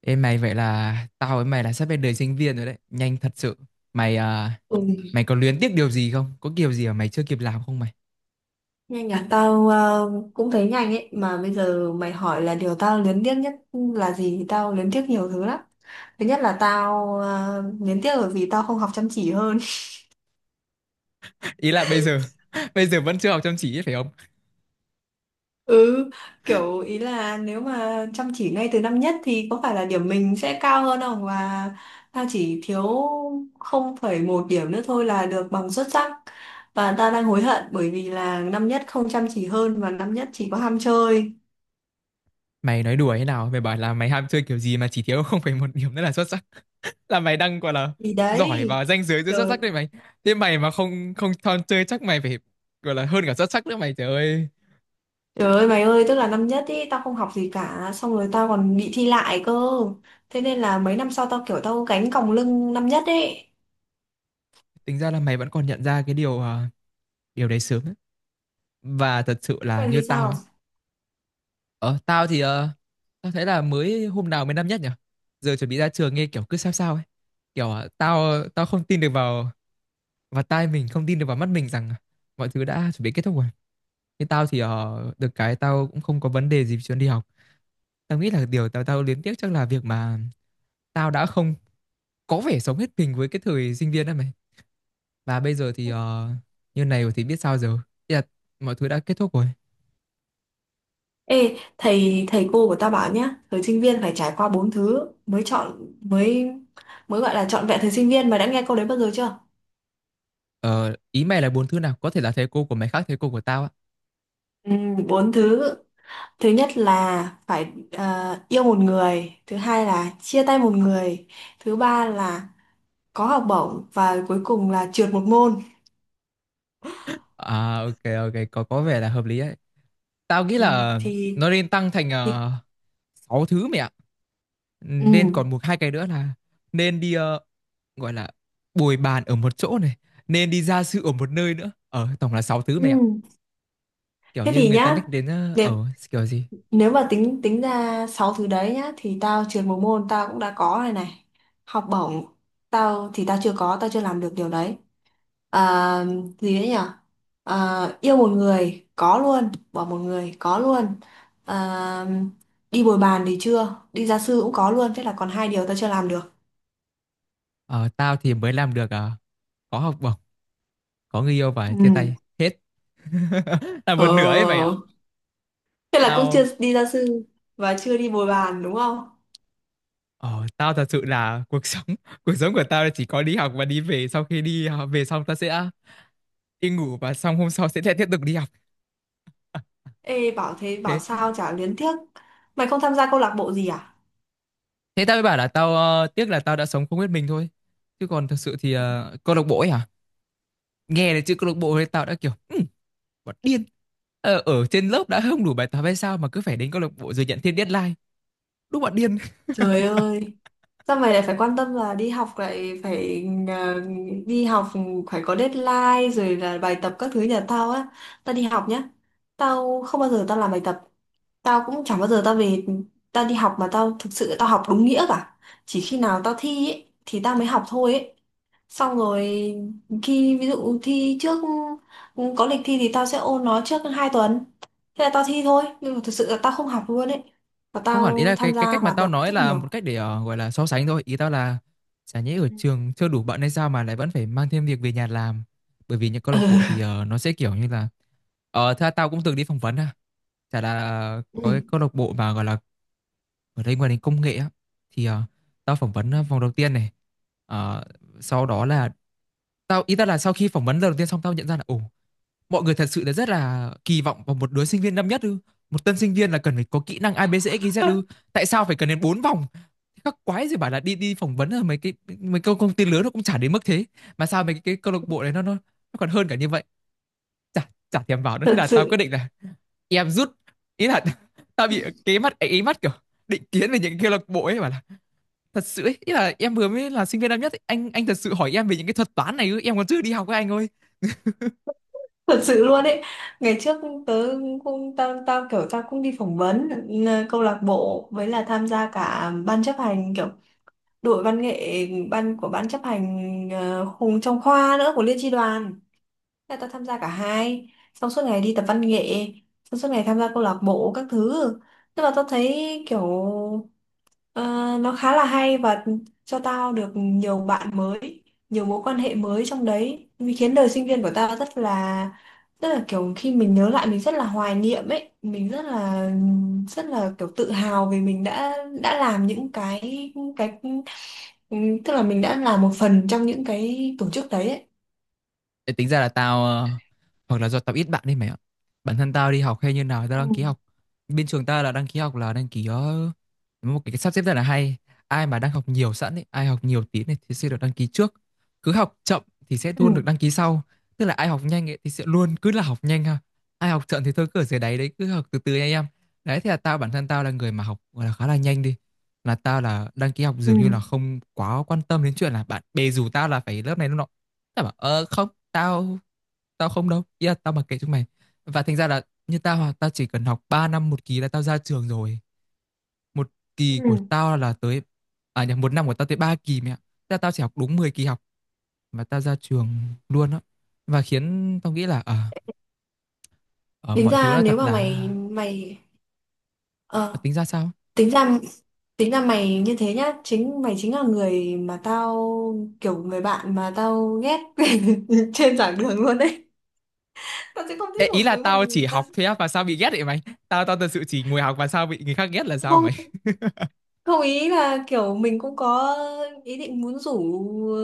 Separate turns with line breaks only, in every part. Ê mày, vậy là tao với mày là sắp bên đời sinh viên rồi đấy, nhanh thật sự. Mày à,
Ừ,
mày có luyến tiếc điều gì không? Có kiểu gì mà mày chưa kịp làm không mày?
nhanh à. Tao cũng thấy nhanh ấy, mà bây giờ mày hỏi là điều tao luyến tiếc nhất là gì thì tao luyến tiếc nhiều thứ lắm. Thứ nhất là tao luyến tiếc bởi vì tao không học chăm chỉ hơn.
Ý là bây giờ bây giờ vẫn chưa học chăm chỉ ấy, phải không?
Ừ, kiểu ý là nếu mà chăm chỉ ngay từ năm nhất thì có phải là điểm mình sẽ cao hơn không? Và tao chỉ thiếu 0,1 điểm nữa thôi là được bằng xuất sắc. Và tao đang hối hận bởi vì là năm nhất không chăm chỉ hơn và năm nhất chỉ có ham chơi.
Mày nói đùa thế nào? Mày bảo là mày ham chơi kiểu gì mà chỉ thiếu không phải một điểm nữa là xuất sắc. Là mày đang gọi là
Thì
giỏi
đấy.
và ranh giới giữa xuất
Trời.
sắc đấy mày. Thế mày mà không không chọn chơi chắc mày phải gọi là hơn cả xuất sắc nữa mày, trời ơi.
Trời ơi mày ơi, tức là năm nhất ý, tao không học gì cả, xong rồi tao còn bị thi lại cơ. Thế nên là mấy năm sau tao kiểu tao gánh còng lưng năm nhất ấy.
Tính ra là mày vẫn còn nhận ra điều đấy sớm ấy. Và thật sự là
Mày
như
nghĩ
tao.
sao?
Ờ, tao thì tao thấy là mới hôm nào mới năm nhất nhỉ? Giờ chuẩn bị ra trường nghe kiểu cứ sao sao ấy. Kiểu tao tao không tin được vào vào tai mình, không tin được vào mắt mình rằng mọi thứ đã chuẩn bị kết thúc rồi. Nhưng tao thì được cái tao cũng không có vấn đề gì về chuyện đi học. Tao nghĩ là điều tao tao luyến tiếc chắc là việc mà tao đã không có vẻ sống hết mình với cái thời sinh viên đó mày. Và bây giờ thì như này rồi thì biết sao giờ. Ý là mọi thứ đã kết thúc rồi.
Ê, thầy thầy cô của tao bảo nhá, thời sinh viên phải trải qua bốn thứ mới chọn mới mới gọi là trọn vẹn thời sinh viên. Mày đã nghe câu đấy bao giờ chưa?
Ờ, ý mày là bốn thứ nào? Có thể là thầy cô của mày khác thầy cô của tao ạ.
Ừ, bốn thứ. Thứ nhất là phải yêu một người, thứ hai là chia tay một người, thứ ba là có học bổng và cuối cùng là trượt một môn.
À, ok ok, có vẻ là hợp lý đấy. Tao nghĩ
Ừ,
là
thì
nó nên tăng thành
thì-
6 thứ mẹ ạ.
Ừ.
Nên còn một hai cái nữa là nên đi gọi là bồi bàn ở một chỗ này, nên đi gia sư ở một nơi nữa. Ờ, tổng là 6 thứ mẹ ạ.
Ừ.
Kiểu
Thế
như
thì
người ta
nhá,
nhắc đến
nếu,
kiểu gì?
nếu mà tính tính ra 6 thứ đấy nhá thì tao trượt một môn tao cũng đã có rồi này. Học bổng tao thì tao chưa có, tao chưa làm được điều đấy. À, gì đấy nhỉ? À, yêu một người có luôn, bỏ một người có luôn. À, đi bồi bàn thì chưa, đi gia sư cũng có luôn, thế là còn hai điều tao chưa làm được.
Ờ, tao thì mới làm được có học bổng, có người yêu và
Ừ.
chia tay hết. Là
Ờ,
một nửa ấy mày ạ.
thế là cũng chưa
Tao.
đi gia sư và chưa đi bồi bàn đúng không?
Ờ, tao thật sự là cuộc sống cuộc sống của tao là chỉ có đi học và đi về, sau khi đi học về xong tao sẽ đi ngủ và xong hôm sau sẽ lại tiếp tục đi học.
Ê, bảo thế bảo
thế
sao chả luyến tiếc. Mày không tham gia câu lạc bộ gì à?
thế tao mới bảo là tao tiếc là tao đã sống không biết mình thôi, chứ còn thật sự thì câu lạc bộ ấy à, nghe đến chữ câu lạc bộ thì tao đã kiểu bọn điên, ở trên lớp đã không đủ bài tập hay sao mà cứ phải đến câu lạc bộ rồi nhận thêm deadline, đúng bọn điên.
Trời ơi, sao mày lại phải quan tâm là đi học lại phải ờ, đi học phải có deadline rồi là bài tập các thứ nhà tao á. Tao đi học nhá. Tao không bao giờ tao làm bài tập. Tao cũng chẳng bao giờ tao về tao đi học mà tao thực sự tao học đúng nghĩa cả. Chỉ khi nào tao thi ấy, thì tao mới học thôi ấy. Xong rồi khi ví dụ thi trước có lịch thi thì tao sẽ ôn nó trước 2 tuần. Thế là tao thi thôi, nhưng mà thực sự là tao không học luôn ấy. Và
Không hẳn, ý
tao
là cái
tham
cái
gia
cách mà
hoạt
tao
động
nói
rất
là
nhiều.
một cách để gọi là so sánh thôi, ý tao là chả nhẽ ở trường chưa đủ bận hay sao mà lại vẫn phải mang thêm việc về nhà làm, bởi vì những câu
Ừ.
lạc bộ thì nó sẽ kiểu như là, ờ thế là tao cũng từng đi phỏng vấn ha. Chả là có
Ừ,
cái câu lạc bộ mà gọi là ở đây ngoài đến công nghệ á, thì tao phỏng vấn vòng đầu tiên này. Ờ, sau đó là tao ý tao là sau khi phỏng vấn lần đầu tiên xong tao nhận ra là ồ, mọi người thật sự là rất là kỳ vọng vào một đứa sinh viên năm nhất ư, một tân sinh viên là cần phải có kỹ năng ABCD XYZ ư, tại sao phải cần đến bốn vòng, các quái gì bảo là đi đi phỏng vấn ở mấy cái mấy câu công ty lớn nó cũng chả đến mức thế, mà sao cái câu lạc bộ đấy nó còn hơn cả như vậy, chả chả thèm vào nữa, thế
thật
là tao quyết
sự
định là em rút. Ý là tao bị cái mắt ấy mắt kiểu định kiến về những cái câu lạc bộ ấy bảo là thật sự ấy, ý là em vừa mới là sinh viên năm nhất ấy, anh thật sự hỏi em về những cái thuật toán này ư, em còn chưa đi học với anh ơi.
thật sự luôn ấy. Ngày trước tớ cũng tao tao kiểu tao cũng đi phỏng vấn, ừ, câu lạc bộ với là tham gia cả ban chấp hành, kiểu đội văn nghệ, ban của ban chấp hành, hùng trong khoa nữa của liên chi đoàn. Thế là tao tham gia cả hai. Xong suốt ngày đi tập văn nghệ, xong suốt ngày tham gia câu lạc bộ các thứ. Nhưng mà tao thấy kiểu ờ, nó khá là hay. Và cho tao được nhiều bạn mới, nhiều mối quan hệ mới trong đấy, vì khiến đời sinh viên của tao rất là, rất là kiểu khi mình nhớ lại mình rất là hoài niệm ấy. Mình rất là kiểu tự hào, vì mình đã làm những cái, tức là mình đã là một phần trong những cái tổ chức đấy ấy.
Ê, tính ra là tao hoặc là do tao ít bạn đi mày ạ, bản thân tao đi học hay như nào thì tao
Ừ.
đăng ký học, bên trường tao là đăng ký học là đăng ký một cái sắp xếp rất là hay, ai mà đang học nhiều sẵn ấy, ai học nhiều tí này thì sẽ được đăng ký trước, cứ học chậm thì sẽ
Ừ.
luôn được đăng ký sau, tức là ai học nhanh ấy thì sẽ luôn cứ là học nhanh ha, ai học chậm thì thôi cứ ở dưới đáy đấy cứ học từ từ nha em. Đấy thì là tao, bản thân tao là người mà học gọi là khá là nhanh đi, là tao là đăng ký học
Ừ.
dường như là không quá quan tâm đến chuyện là bạn bè rủ tao là phải lớp này lớp nọ. Tao bảo ờ không tao, không đâu, ý là tao mặc kệ chúng mày, và thành ra là như tao à, tao chỉ cần học 3 năm một kỳ là tao ra trường rồi. Một
Ừ.
kỳ của tao là tới, à nhầm, một năm của tao tới 3 kỳ mẹ, ra tao chỉ học đúng 10 kỳ học mà tao ra trường luôn á. Và khiến tao nghĩ là ờ,
Tính
mọi thứ
ra
nó thật
nếu mà
là,
mày mày
ờ,
ờ,
tính ra sao.
tính ra tính ra mày như thế nhá, chính mày chính là người mà tao, kiểu người bạn mà tao ghét trên giảng đường luôn đấy. Tao sẽ không
Ê,
thích
ý
một
là
với một.
tao chỉ
tao
học
sẽ-
thôi á mà sao bị ghét vậy mày, tao tao thật sự chỉ ngồi học mà sao bị người khác ghét là sao mày.
Không, không, ý là kiểu mình cũng có ý định muốn rủ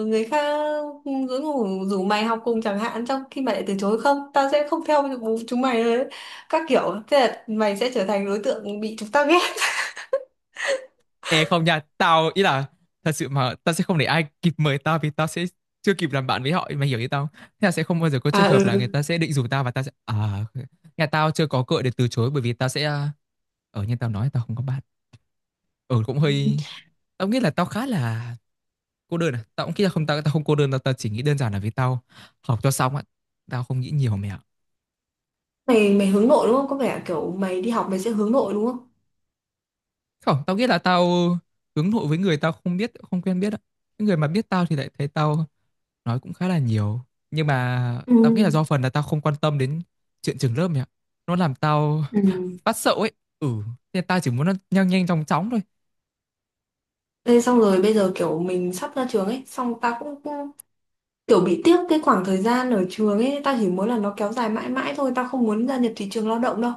người khác, rủ rủ rủ mày học cùng chẳng hạn, trong khi mày lại từ chối, không tao sẽ không theo chúng mày đấy các kiểu, thế là mày sẽ trở thành đối tượng bị chúng ta ghét.
Ê không nha, tao ý là thật sự mà tao sẽ không để ai kịp mời tao vì tao sẽ chưa kịp làm bạn với họ, mày hiểu ý tao không? Thế là sẽ không bao giờ có
À,
trường hợp là người
ừ.
ta sẽ định rủ tao và tao sẽ à, nhà tao chưa có cựa để từ chối, bởi vì tao sẽ à, ở như tao nói tao không có bạn. Ở cũng hơi, tao nghĩ là tao khá là cô đơn à. Tao cũng nghĩ là không, tao tao không cô đơn, tao tao chỉ nghĩ đơn giản là vì tao học cho xong á. Tao không nghĩ nhiều mẹ ạ.
Mày mày hướng nội đúng không? Có vẻ kiểu mày đi học mày sẽ hướng nội đúng không?
Không, tao nghĩ là tao hướng nội với người tao không biết không quen biết ạ. Những người mà biết tao thì lại thấy tao nói cũng khá là nhiều, nhưng mà tao nghĩ
Ừ.
là do phần là tao không quan tâm đến chuyện trường lớp mày ạ, nó làm tao
Ừ.
phát sợ ấy. Ừ, nên tao chỉ muốn nó nhanh nhanh chóng chóng thôi.
Thế xong rồi bây giờ kiểu mình sắp ra trường ấy, xong ta cũng kiểu bị tiếc cái khoảng thời gian ở trường ấy, tao chỉ muốn là nó kéo dài mãi mãi thôi, tao không muốn gia nhập thị trường lao động đâu.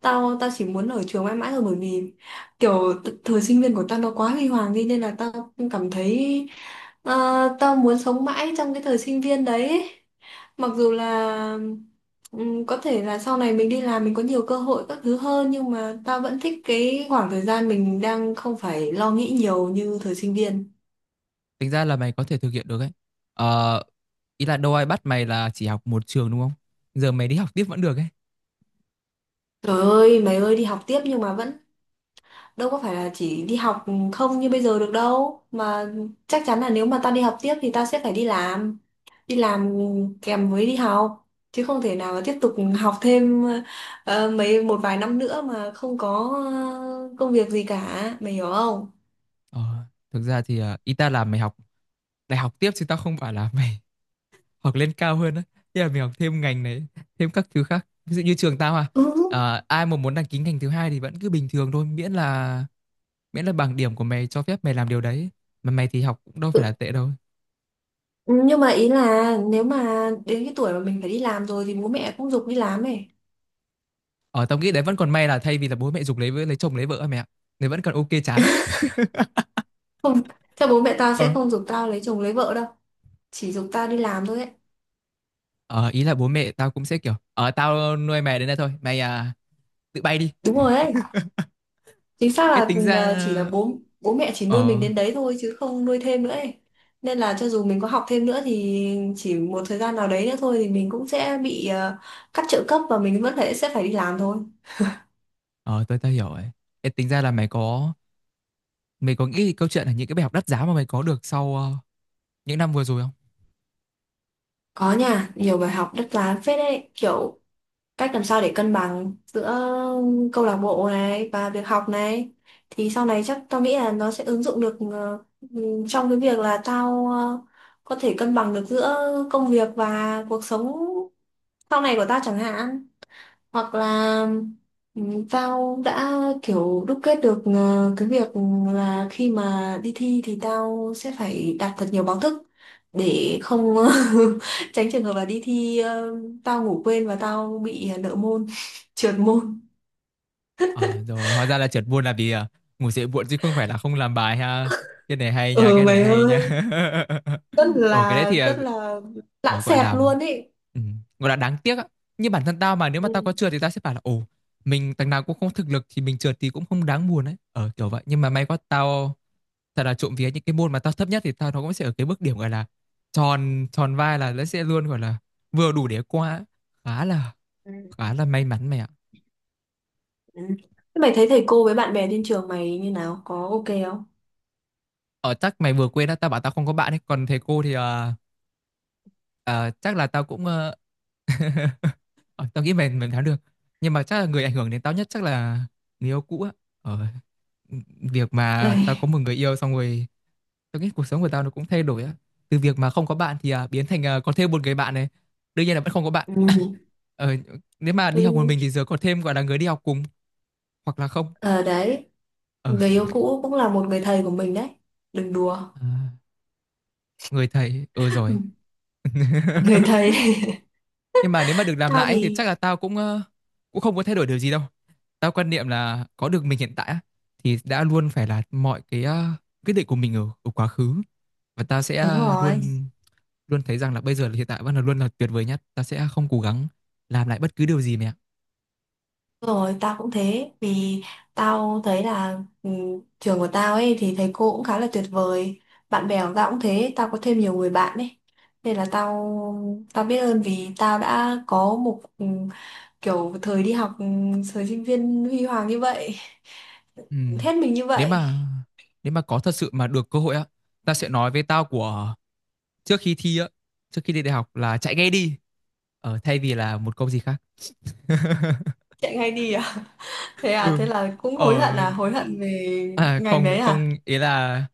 Tao tao chỉ muốn ở trường mãi mãi thôi, bởi vì kiểu thời sinh viên của tao nó quá huy hoàng đi, nên là tao cảm thấy tao muốn sống mãi trong cái thời sinh viên đấy ấy. Mặc dù là có thể là sau này mình đi làm mình có nhiều cơ hội các thứ hơn, nhưng mà tao vẫn thích cái khoảng thời gian mình đang không phải lo nghĩ nhiều như thời sinh viên.
Tính ra là mày có thể thực hiện được ấy, ờ, ý là đâu ai bắt mày là chỉ học một trường đúng không, giờ mày đi học tiếp vẫn được ấy.
Trời ơi mày ơi, đi học tiếp nhưng mà vẫn đâu có phải là chỉ đi học không như bây giờ được đâu mà. Chắc chắn là nếu mà ta đi học tiếp thì ta sẽ phải đi làm, đi làm kèm với đi học, chứ không thể nào mà tiếp tục học thêm một vài năm nữa mà không có ờ, công việc gì cả, mày hiểu không?
Ờ, thực ra thì ý ta là mày học đại học tiếp chứ tao không phải là mày học lên cao hơn á. Thế là mày học thêm ngành này thêm các thứ khác, ví dụ như trường tao à,
Ừ.
ai mà muốn đăng ký ngành thứ hai thì vẫn cứ bình thường thôi, miễn là bằng điểm của mày cho phép mày làm điều đấy, mà mày thì học cũng đâu phải
tự-
là tệ đâu.
nhưng mà ý là nếu mà đến cái tuổi mà mình phải đi làm rồi thì bố mẹ cũng giục đi làm ấy.
Ở tao nghĩ đấy vẫn còn may là thay vì là bố mẹ giục lấy vợ- lấy chồng lấy vợ á mẹ ạ, vẫn còn ok chán á.
Chắc bố mẹ tao sẽ
Ờ.
không giục tao lấy chồng lấy vợ đâu, chỉ giục tao đi làm thôi ấy.
Ờ ý là bố mẹ tao cũng sẽ kiểu ờ tao nuôi mày đến đây thôi mày à, tự bay đi.
Đúng rồi ấy, chính xác
Ê
là
tính ra,
chỉ là bố bố mẹ chỉ nuôi mình
ờ
đến đấy thôi chứ không nuôi thêm nữa ấy. Nên là cho dù mình có học thêm nữa thì chỉ một thời gian nào đấy nữa thôi thì mình cũng sẽ bị cắt trợ cấp, và mình vẫn phải sẽ phải đi làm thôi.
ờ tôi tao hiểu rồi. Ê tính ra là mày có nghĩ câu chuyện là những cái bài học đắt giá mà mày có được sau những năm vừa rồi không?
Có nha, nhiều bài học đắt giá phết đấy, kiểu cách làm sao để cân bằng giữa câu lạc bộ này và việc học này, thì sau này chắc tao nghĩ là nó sẽ ứng dụng được trong cái việc là tao có thể cân bằng được giữa công việc và cuộc sống sau này của tao chẳng hạn. Hoặc là tao đã kiểu đúc kết được cái việc là khi mà đi thi thì tao sẽ phải đạt thật nhiều báo thức để không tránh trường hợp là đi thi tao ngủ quên và tao bị nợ môn trượt môn.
Ờ, rồi hóa ra là trượt buôn là vì à, ngủ dậy muộn chứ không phải là không làm bài ha. Cái này hay nha,
Ừ
cái này
mày
hay nha.
ơi,
Ở cái đấy thì à,
rất là lãng
gọi
xẹt
là
luôn ý.
ừ, gọi là đáng tiếc á. Như bản thân tao mà nếu mà
Ừ.
tao có trượt thì tao sẽ bảo là ồ, mình thằng nào cũng không thực lực thì mình trượt thì cũng không đáng buồn ấy. Ờ kiểu vậy, nhưng mà may quá tao thật là trộm vía, những cái môn mà tao thấp nhất thì tao nó cũng sẽ ở cái mức điểm gọi là tròn tròn vai, là nó sẽ luôn gọi là vừa đủ để qua. Khá là
Ừ.
khá là may mắn mày ạ.
Ừ. Thế mày thấy thầy cô với bạn bè trên trường mày như nào, có ok không
Ở chắc mày vừa quên á, tao bảo tao không có bạn ấy. Còn thầy cô thì ờ, chắc là tao cũng ờ, tao nghĩ mình thắng được. Nhưng mà chắc là người ảnh hưởng đến tao nhất chắc là người yêu cũ á. Ờ, việc mà tao có
mày?
một người yêu xong rồi tao nghĩ cuộc sống của tao nó cũng thay đổi á. Từ việc mà không có bạn thì biến thành có thêm một người bạn này. Đương nhiên là vẫn không có bạn.
Ừ.
Ờ, nếu mà đi học một
Ừ.
mình thì giờ có thêm gọi là người đi học cùng, hoặc là không.
Ờ, đấy.
Ờ,
Người yêu cũ cũng là một người thầy của mình đấy. Đừng đùa.
à, người thầy, ừ rồi.
Người thầy.
Nhưng mà nếu mà được làm
Tao
lại ấy thì
thì
chắc là tao cũng cũng không có thay đổi điều gì đâu. Tao quan niệm là có được mình hiện tại á, thì đã luôn phải là mọi cái quyết định của mình ở quá khứ, và tao sẽ
đúng rồi.
luôn luôn thấy rằng là bây giờ là hiện tại vẫn là luôn là tuyệt vời nhất, tao sẽ không cố gắng làm lại bất cứ điều gì mẹ ạ.
Đúng rồi, tao cũng thế. Vì tao thấy là, trường của tao ấy thì thầy cô cũng khá là tuyệt vời. Bạn bè của tao cũng thế. Tao có thêm nhiều người bạn ấy. Nên là tao tao biết ơn vì tao đã có một kiểu thời đi học, thời sinh viên huy hoàng như vậy.
Ừ.
Hết mình như
nếu
vậy.
mà nếu mà có thật sự mà được cơ hội á, tao sẽ nói với tao của trước khi thi á, trước khi đi đại học là chạy ngay đi, thay vì là một câu gì khác.
Chạy ngay đi à? Thế à,
Ừ,
thế là cũng hối
ờ,
hận à, hối hận về
à,
ngành đấy
không
à?
không, ý là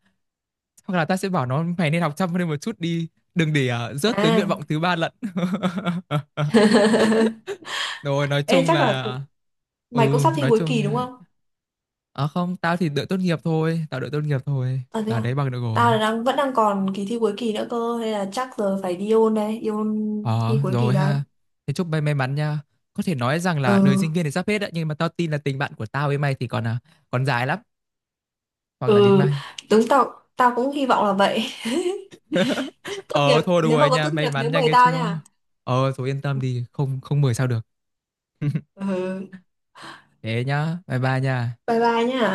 hoặc là ta sẽ bảo nó mày nên học chăm lên một chút đi, đừng để rớt tới nguyện
À.
vọng thứ ba lận. Rồi nói
Ê,
chung
chắc là
là,
mày cũng
ừ
sắp thi
nói
cuối
chung,
kỳ đúng không?
à không, tao thì đợi tốt nghiệp thôi,
Ờ thế
là
à?
lấy bằng được
Tao
rồi.
là vẫn đang còn kỳ thi cuối kỳ nữa cơ, nên là chắc giờ phải đi ôn đây, đi ôn
Ờ
thi cuối kỳ
rồi
đây.
ha, thế chúc mày may mắn nha. Có thể nói rằng là đời
Ừ,
sinh viên thì sắp hết đấy, nhưng mà tao tin là tình bạn của tao với mày thì còn à, còn dài lắm, hoặc là đến
ừ,
mai.
đúng, tao tao cũng hy vọng là vậy. Tốt
Ờ
nghiệp,
thôi được
nếu
rồi
mà có
nha,
tốt
may
nghiệp
mắn
nhớ
nha
mời
nghe
tao
chưa.
nha.
Ờ rồi yên tâm đi, không không mười sao được.
Ừ,
Thế nhá, bye bye nha.
bye bye nha.